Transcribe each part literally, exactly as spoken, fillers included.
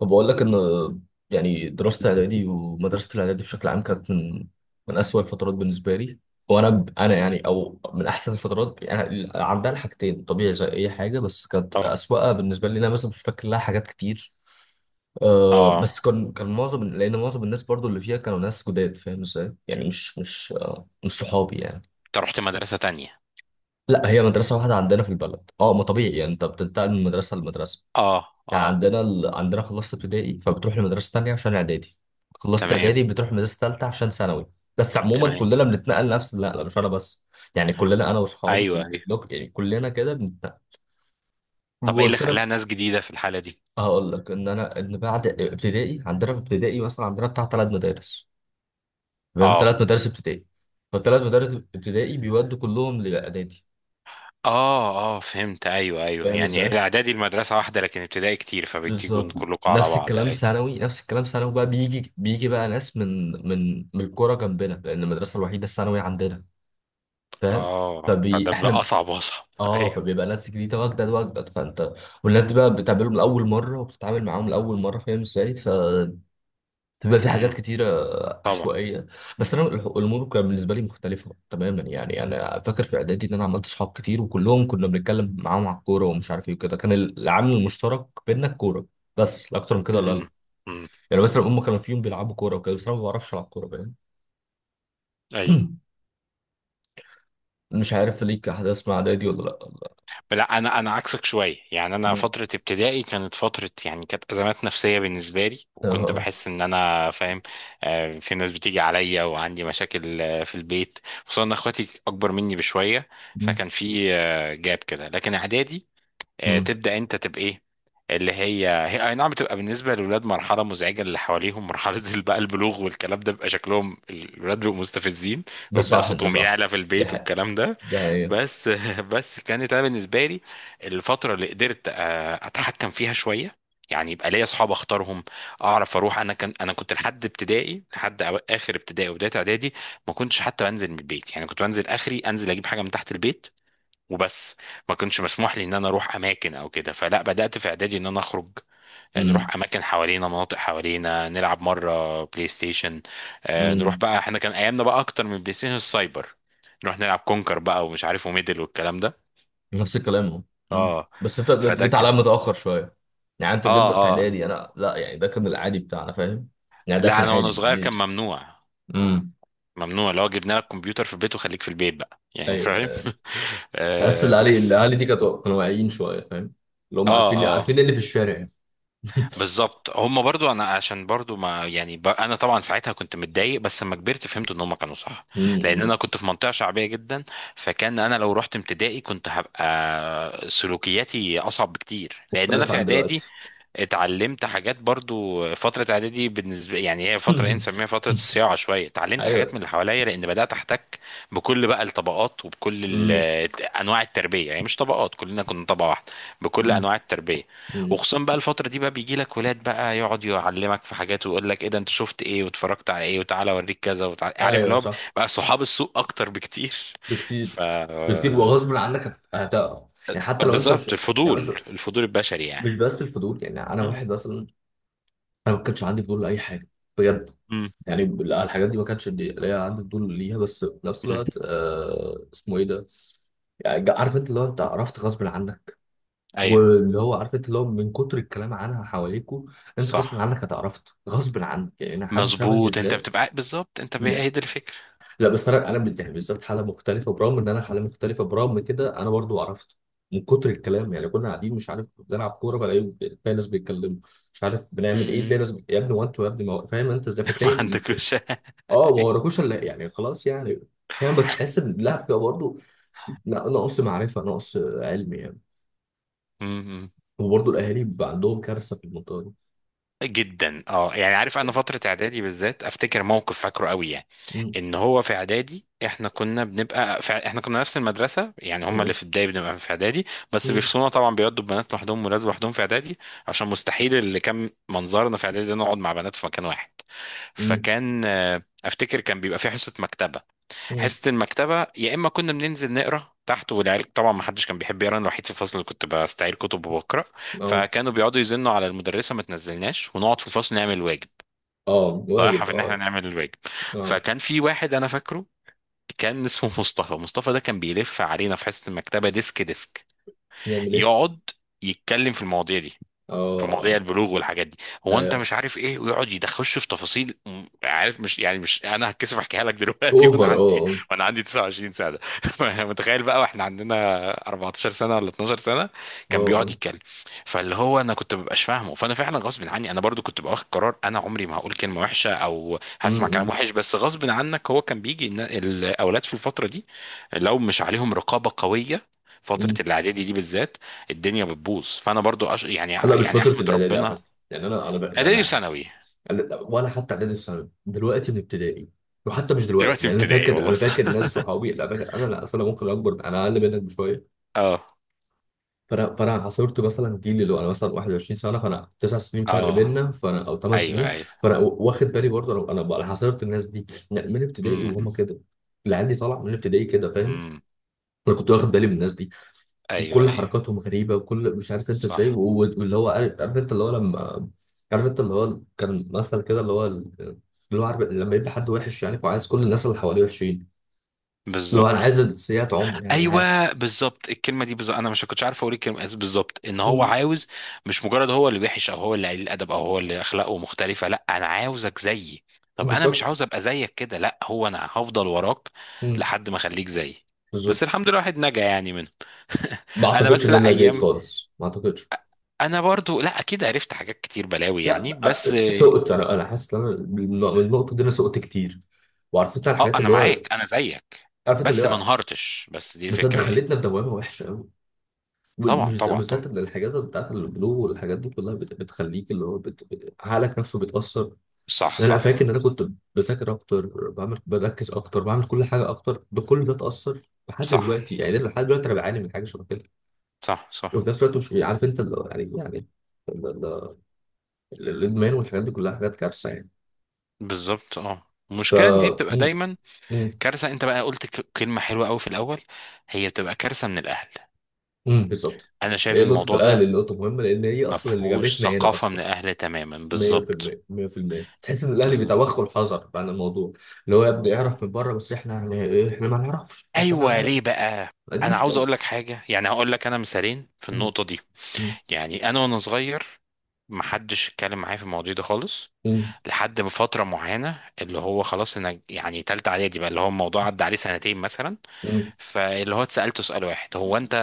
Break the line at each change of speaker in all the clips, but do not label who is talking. طب بقول لك ان يعني دراسه الاعدادي ومدرسه الاعدادي بشكل عام كانت من من اسوأ الفترات بالنسبه لي. وانا ب- انا
مم.
يعني او من احسن الفترات، يعني عندها الحاجتين طبيعي زي اي حاجه، بس كانت
اه
اسوأها بالنسبه لي انا، مثلا مش فاكر لها حاجات كتير. أه بس
اه.
كان كان معظم لان معظم الناس برضو اللي فيها كانوا ناس جداد، فاهم ازاي؟ يعني مش مش آه، مش صحابي يعني.
انت رحت مدرسة تانية؟
لا، هي مدرسه واحده عندنا في البلد، اه، ما طبيعي يعني انت بتنتقل من مدرسه لمدرسه.
اه
يعني
اه.
عندنا ال... عندنا خلصت ابتدائي فبتروح لمدرسة تانية عشان اعدادي، خلصت
تمام
اعدادي بتروح مدرسة تالتة عشان ثانوي. بس عموما
تمام.
كلنا بنتنقل، نفس، لا لا مش انا بس، يعني كلنا انا واصحابي
ايوه
بال-
ايوه.
باللوك، يعني كلنا كده بنتنقل.
طب ايه اللي
وقلت لك،
خلاها ناس جديدة في الحالة دي؟
هقول لك ان انا ان بعد ابتدائي عندنا في ابتدائي مثلا عندنا بتاع ثلاث مدارس، فاهم؟ ثلاث
اه
مدارس ابتدائي، فالثلاث مدارس ابتدائي بيودوا كلهم لاعدادي.
اه اه، فهمت. ايوه ايوه،
فاهم
يعني هي
ازاي؟
الاعدادي المدرسة واحدة لكن ابتدائي كتير فبتيجوا
بالظبط.
كلكم على
نفس
بعض.
الكلام
ايوه،
ثانوي، نفس الكلام ثانوي بقى، بيجي بيجي بقى ناس من من من القرى جنبنا، لان المدرسه الوحيده الثانوي عندنا، فاهم.
اه،
فبي
فده بقى
احنا،
اصعب واصعب.
اه،
ايوه.
فبيبقى ناس جديده واجدد واجدد، فانت والناس دي بقى بتقابلهم لاول مره وبتتعامل معاهم لاول مره، فاهم ازاي؟ فبيبقى في حاجات
امم.
كتيره
طبعا.
عشوائيه. بس انا الح- الامور كانت بالنسبه لي مختلفه تماما، يعني انا فاكر في اعدادي ان انا عملت صحاب كتير وكلهم كنا بنتكلم معاهم على الكوره ومش عارف ايه وكده، كان العامل المشترك بينا الكوره، بس لا اكتر من كده
امم
لا.
امم.
يعني مثلا هم كانوا في يوم بيلعبوا كوره وكده، بس انا ما بعرفش العب كوره، فاهم.
ايوه.
مش عارف ليك احداث مع اعدادي ولا لا.
لا انا انا عكسك شويه. يعني انا
مم.
فتره ابتدائي كانت فتره يعني كانت ازمات نفسيه بالنسبه لي،
اه
وكنت
آه.
بحس ان انا فاهم. آه، في ناس بتيجي عليا وعندي مشاكل، آه، في البيت، خصوصا ان اخواتي اكبر مني بشويه.
مم.
فكان في آه، جاب كده. لكن اعدادي آه،
مم.
تبدأ انت تبقى ايه اللي هي هي اي نعم بتبقى بالنسبة للولاد مرحلة مزعجة، اللي حواليهم مرحلة بقى البلوغ والكلام ده، بيبقى شكلهم الولاد بيبقوا مستفزين،
ده
ويبدأ
صح ده
صوتهم
صح.
يعلى في
دي
البيت
حاجه،
والكلام ده.
دي حقيقه.
بس بس كانت انا بالنسبة لي الفترة اللي قدرت آه، اتحكم فيها شوية. يعني يبقى ليا اصحاب اختارهم، اعرف اروح. انا كان انا كنت لحد ابتدائي، لحد أو- اخر ابتدائي وبدايه اعدادي ما كنتش حتى بنزل من البيت. يعني كنت بنزل اخري انزل اجيب حاجه من تحت البيت وبس. ما كنتش مسموح لي ان انا اروح اماكن او كده. فلا، بدات في اعدادي ان انا اخرج، يعني
مم.
نروح اماكن حوالينا، مناطق حوالينا، نلعب مره بلاي ستيشن. آه، نروح
مم.
بقى. احنا كان ايامنا بقى اكتر من بلاي ستيشن السايبر، نروح نلعب كونكر بقى ومش عارف وميدل والكلام ده.
نفس الكلام اهو. مم.
اه،
بس انت جيت
فده
جيت عليا
كان.
متاخر شويه. يعني انت
اه
جيت في
اه.
اعدادي،
آه.
انا لا، يعني ده كان العادي بتاعنا، فاهم. يعني ده
لا
كان
انا
عادي
وانا
بالنسبه
صغير كان
لي.
ممنوع.
امم.
ممنوع. لو جبنا لك كمبيوتر في البيت وخليك في البيت بقى، يعني فاهم.
ايوه. تحس
آه
الاهالي
بس.
الاهالي دي كانوا كانوا واعيين شويه، فاهم، اللي هم
اه
عارفين عارفين إيه
اه.
اللي في الشارع يعني.
بالظبط. هم برضو انا عشان برضو ما يعني ب... انا طبعا ساعتها كنت متضايق، بس لما كبرت فهمت ان هم كانوا صح.
مم.
لان
مم.
انا كنت في منطقه شعبيه جدا، فكان انا لو رحت ابتدائي كنت هبقى سلوكياتي اصعب بكتير، لان انا
مختلف
في
عن
اعدادي
دلوقتي.
اتعلمت حاجات. برضو فترة اعدادي بالنسبة يعني هي فترة ايه نسميها، فترة الصياعة شوية. اتعلمت حاجات من
ايوه.
اللي حواليا، لان بدأت احتك بكل بقى الطبقات وبكل ال-
امم.
انواع التربية. يعني مش طبقات، كلنا كنا طبقة واحدة، بكل
امم.
انواع التربية.
امم.
وخصوصا بقى الفترة دي بقى بيجي لك ولاد بقى يقعد يعلمك في حاجات ويقول لك ايه ده، انت شفت ايه واتفرجت على ايه، وتعالى اوريك كذا وتعالى عارف اللي
ايوه
هو.
صح.
بقى صحاب السوق اكتر بكتير. ف
بكتير. بكتير وغصب عنك هت- هتعرف، يعني حتى لو انت مش.
بالظبط
يعني
الفضول،
مثلا،
الفضول البشري يعني.
مش بس الفضول، يعني انا
مم
واحد مثلا، انا ما كانش عندي فضول لاي حاجه، بجد.
مم
يعني لا، الحاجات دي ما كانش لي- ليا عندي فضول ليها، بس في نفس
مم.
الوقت آه اسمه ايه ده. يعني جا- عارف انت اللي هو، انت عرفت غصب عنك،
ايوه
واللي هو عارف انت اللي هو من كتر الكلام عنها حواليكوا، انت غصب
صح.
عنك هتعرفت غصب عنك، يعني انا حد شبه
مظبوط انت
بالذات.
بتبقى، بالظبط انت ب- هي دي الفكره.
لا بس انا انا بال- يعني بالذات حاله مختلفه، برغم ان انا حاله مختلفه برغم كده انا برضو عرفته من كتر الكلام. يعني كنا قاعدين مش عارف بنلعب كوره، فلاقي تلاقي ناس بيتكلموا مش عارف
م-
بنعمل ايه، تلاقي
م.
ناس بي- يا ابني هو انتوا، يا ابني ما هو- فاهم انت ازاي،
ما
فتلاقي،
عندكوش.
اه، ما وراكوش الا يعني، خلاص يعني. فاهم، بس تحس ان لا بيبقى برضو، لا، نقص معرفه، نقص علم يعني.
م- م.
وبرضو الاهالي بيبقى عندهم كارثه في المنطقه دي.
جدا. اه يعني عارف، انا فتره اعدادي بالذات افتكر موقف فاكره قوي، يعني
مم.
ان هو في اعدادي احنا كنا بنبقى في احنا كنا نفس المدرسه. يعني هم اللي
مم.
في البدايه بنبقى في اعدادي، بس
مم.
بيفصلونا طبعا، بيودوا بنات لوحدهم ولاد لوحدهم في اعدادي، عشان مستحيل اللي كان منظرنا في اعدادي ده نقعد مع بنات في مكان واحد.
مم.
فكان آه، افتكر كان بيبقى في حصه مكتبه.
مم.
حصة المكتبة يا إما كنا بننزل نقرا تحت، والعيال طبعا ما حدش كان بيحب يقرا، أنا الوحيد في الفصل اللي كنت بستعير كتب وبقرا،
اه
فكانوا بيقعدوا يزنوا على المدرسة ما تنزلناش ونقعد في الفصل نعمل الواجب.
اه،
ضايعها
واجب
في إن إحنا
اه.
نعمل الواجب.
اه.
فكان في واحد أنا فاكره، كان اسمه مصطفى. مصطفى ده كان بيلف علينا في حصة المكتبة ديسك ديسك،
يعمل ايه.
يقعد يتكلم في المواضيع دي،
اه
في مواضيع
آه.
البلوغ والحاجات دي. هو
آه،
انت
آه،
مش عارف ايه، ويقعد يدخلش في تفاصيل م- عارف، مش يعني مش انا هتكسف احكيها لك دلوقتي. وانا
اوفر
عندي
اه.
وانا عندي تسعة وعشرين سنه. متخيل بقى واحنا عندنا اربعتاشر سنه ولا اتناشر سنه
اه
كان بيقعد
اه.
يتكلم! فاللي هو انا كنت مبقاش فاهمه، فانا فعلا غصب عني. انا برضو كنت باخد قرار انا عمري ما هقول كلمه وحشه او هسمع كلام
امم.
وحش، بس غصب عنك. هو كان بيجي إن الاولاد في الفتره دي لو مش عليهم رقابه قويه، فترة
امم.
الإعدادي دي بالذات، الدنيا بتبوظ. فانا برضو أش... يعني
لا مش
يعني
فتره
احمد
الاعدادي على
ربنا.
فكره، يعني انا انا لا
اعدادي
لا،
وثانوي
أنا- ولا حتى اعدادي الثانوي دلوقتي، من ابتدائي. وحتى مش دلوقتي،
دلوقتي
يعني انا
ابتدائي،
فاكر،
والله
انا
صح.
فاكر ناس صحابي، لا فاكر انا، لا، اصل انا ممكن اكبر، انا اقل منك بشويه.
اه
فانا فانا عاصرت مثلا جيل، اللي هو انا مثلا واحد وعشرين سنه، فانا تسع سنين فرق
اه.
بيننا، فانا او ثمان
ايوه
سنين.
ايوه.
فانا واخد بالي برضه، انا انا بقى- أنا عاصرت الناس دي من ابتدائي
امم
وهم كده، اللي عندي طالع من ابتدائي كده، فاهم.
امم.
انا كنت واخد بالي من الناس دي،
ايوه
وكل
ايوه.
حركاتهم غريبه، وكل مش عارف انت ازاي و-
صح.
و- واللي هو عارف، عارف انت اللي هو لما، عارف انت اللي هو كان مثل كده، اللي هو ال- اللي هو عارف لما يبقى حد وحش يعني، وعايز كل الناس اللي حواليه وحشين، اللي هو انا
بالظبط.
عايز السيئات عمر، يعني انا عارف.
ايوه بالظبط الكلمه دي، بالظبط. انا مش كنتش عارف اقول الكلمه إز- بالظبط، ان هو
مم.
عاوز، مش مجرد هو اللي وحش او هو اللي قليل الادب او هو اللي اخلاقه مختلفه، لا انا عاوزك زيي. طب انا مش
بالظبط.
عاوز ابقى زيك، كده لا، هو انا هفضل وراك
مم.
لحد ما اخليك زيي. بس
بالظبط.
الحمد لله الواحد نجا يعني منه.
ما
انا
اعتقدش
بس
ان
لا،
انا جيد
ايام،
خالص، ما اعتقدش.
انا برضو لا اكيد عرفت حاجات كتير، بلاوي
لا
يعني، بس
أ- سقط، انا انا حاسس ان انا بالن- من النقطه دي انا سقط كتير، وعارف انت
اه
الحاجات
انا
اللي هو،
معاك، انا زيك،
عارف انت اللي
بس ما
هو.
انهارتش، بس دي
بس انت
الفكره يعني.
خليتنا بدوامه وحشه، بال-
طبعا
بالز-
طبعا طبعا.
بالذات إن الحاجات بتاعت البلو والحاجات دي كلها بت... بتخليك اللي هو، بت... بت- عقلك نفسه بيتأثر.
صح
يعني انا فاكر ان
صح.
انا كنت بذاكر اكتر، بعمل، بركز اكتر، بعمل كل حاجه اكتر، بكل ده اتأثر لحد
صح
دلوقتي، يعني أنا لحد دلوقتي انا بعاني من حاجه شبه كده.
صح صح.
وفي نفس الوقت مش عارف انت اللي هو، يعني يعني ال- ال- ال- الادمان والحاجات دي كلها حاجات كارثه يعني.
بالظبط اه.
ف.
المشكله إن دي بتبقى
م-.
دايما
م-.
كارثه. انت بقى قلت ك- كلمه حلوه قوي في الاول، هي بتبقى كارثه من الاهل.
م، بالظبط.
انا شايف
هي نقطه
الموضوع
الاهل
ده
اللي نقطه مهمه، لان هي
ما
اصلا اللي
فيهوش
جابتنا هنا
ثقافه من
اصلا.
الاهل تماما، بالظبط.
مية في المية مية في المية، تحس ان الاهلي
بالظبط.
بيتوخوا الحذر عن الموضوع، اللي هو يبدا يعرف من بره، بس احنا يعني إيه، احنا ما نعرفش، بس احنا ما
ايوه،
نعرف.
ليه بقى؟
دي
انا عاوز
مشكله.
اقول لك حاجه، يعني هقول لك انا مثالين في
م-.
النقطه دي.
م-.
يعني انا وانا صغير محدش اتكلم معايا في المواضيع دي خالص،
م-.
لحد ما فترة معينة اللي هو خلاص انا يعني تالتة اعدادي بقى، اللي هو الموضوع عدى عليه سنتين مثلا،
م-.
فاللي هو اتسألته سؤال واحد: هو انت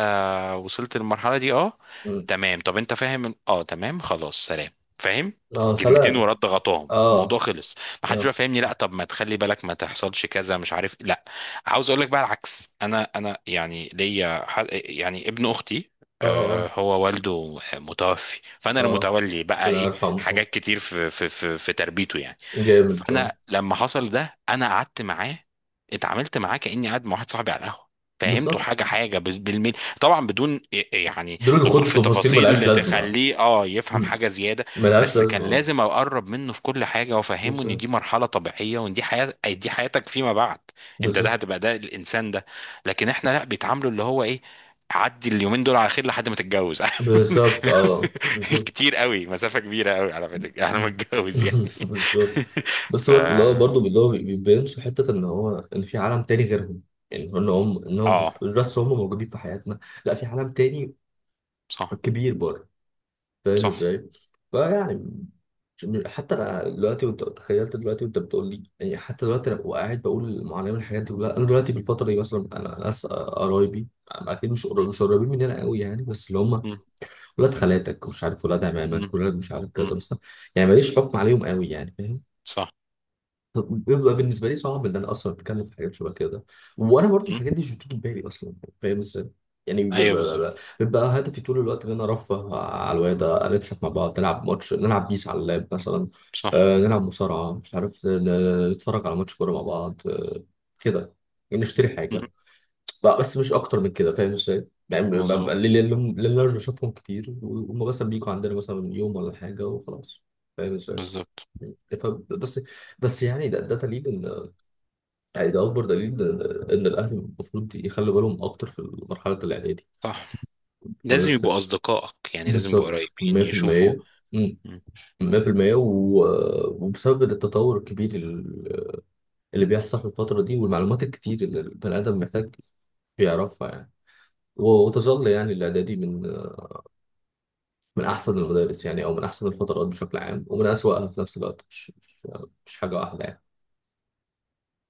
وصلت للمرحلة دي؟ اه.
م.
تمام. طب انت فاهم ال- اه تمام خلاص سلام. فاهم؟
اه
كلمتين
سلام.
ورا ضغطاهم، الموضوع
اه.
خلص. ما حدش
اه.
بقى فاهمني، لا طب ما تخلي بالك ما تحصلش كذا، مش عارف، لا. عاوز اقول لك بقى العكس. انا انا يعني ليا ح- يعني ابن اختي،
اه. اه
آه، هو والده متوفي، فانا
آه.
المتولي بقى
ربنا
ايه
يرحمه.
حاجات كتير في في في, في تربيته يعني.
جامد اه.
فانا لما حصل ده انا قعدت معاه، اتعاملت معاه كاني قاعد مع واحد صاحبي على القهوه، فهمته
بالظبط.
حاجه حاجه بال- بالملي. طبعا بدون يعني
دول الخوض
دخول
في
في
تفاصيل ملهاش
تفاصيل
لازمه.
تخليه اه يفهم
م.
حاجه زياده،
ملهاش
بس كان
لازمه اه.
لازم اقرب منه في كل حاجه وافهمه ان
بالظبط.
دي مرحله طبيعيه، وان دي حياه، دي حياتك فيما بعد، انت ده
بالظبط.
هتبقى ده الانسان ده. لكن احنا لا، بيتعاملوا اللي هو ايه، عدي اليومين دول على خير لحد ما تتجوز.
بالظبط اه بالظبط.
كتير قوي، مسافه كبيره قوي على ما تتج- على ما
مم.
تتجوز يعني.
بالظبط. بس
ف
الوقت اللي هو برضه اللي هو بيبينش حتة إن هو إن في عالم تاني غيرهم، يعني إن هم إنهم مش
اه.
مش بس هم موجودين في حياتنا، لا، في عالم تاني
صح
كبير بره، فاهم
صح.
إزاي؟ فيعني، مش، حتى أنا دلوقتي وأنت تخيلت دلوقتي وأنت بتقول لي، يعني حتى دلوقتي أنا وقاعد بقول معلم الحاجات دي كلها، أنا دلوقتي في الفترة دي مثلا أنا ناس قرايبي أكيد مش قريب،
مم
مش قريبين مننا قوي يعني، بس اللي هم
مم
ولاد خالاتك مش عارف، ولاد عمامك،
مم
ولاد مش عارف
مم.
كده بس، يعني ماليش حكم عليهم قوي يعني، فاهم؟
صح.
بيبقى بالنسبه لي صعب ان انا اصلا اتكلم في حاجات شبه كده، وانا برضو
مم.
الحاجات دي مش بتيجي في بالي اصلا، فاهم ازاي. يعني ب- ب-
ايوه
ب-
بالظبط.
بيبقى هدفي طول الوقت ان انا ارفه على الواد، نضحك مع بعض، نلعب ماتش، نلعب بيس على اللاب مثلا،
صح.
آه نلعب مصارعه، مش عارف ن- ن- نتفرج على ماتش كوره مع بعض، آه كده، يعني نشتري حاجه بقى، بس مش اكتر من كده، فاهم ازاي، يعني ب- ب-
مظبوط.
لان لأن- لأن انا مش بشوفهم كتير، وهم مثلا بيجوا عندنا مثلا يوم ولا حاجه وخلاص، فاهم ازاي.
بالظبط.
ف-. بس. بس يعني ده ده تقريبا، يعني ده اكبر دليل ان الاهل المفروض يخلوا بالهم اكتر في مرحله الاعدادي.
صح.
في
لازم
مدرسه
يبقوا
ال-
أصدقائك، يعني لازم يبقوا
بالظبط
قريبين، يشوفوا.
مية في المية. امم. مية في المية و- وبسبب التطور الكبير ال- اللي بيحصل في الفتره دي، والمعلومات الكتير اللي البني ادم محتاج يعرفها يعني. و- وتظل يعني الاعدادي من من احسن المدارس، يعني او من احسن الفترات بشكل عام، ومن اسوأها في نفس الوقت، مش مش مش حاجه واحده يعني.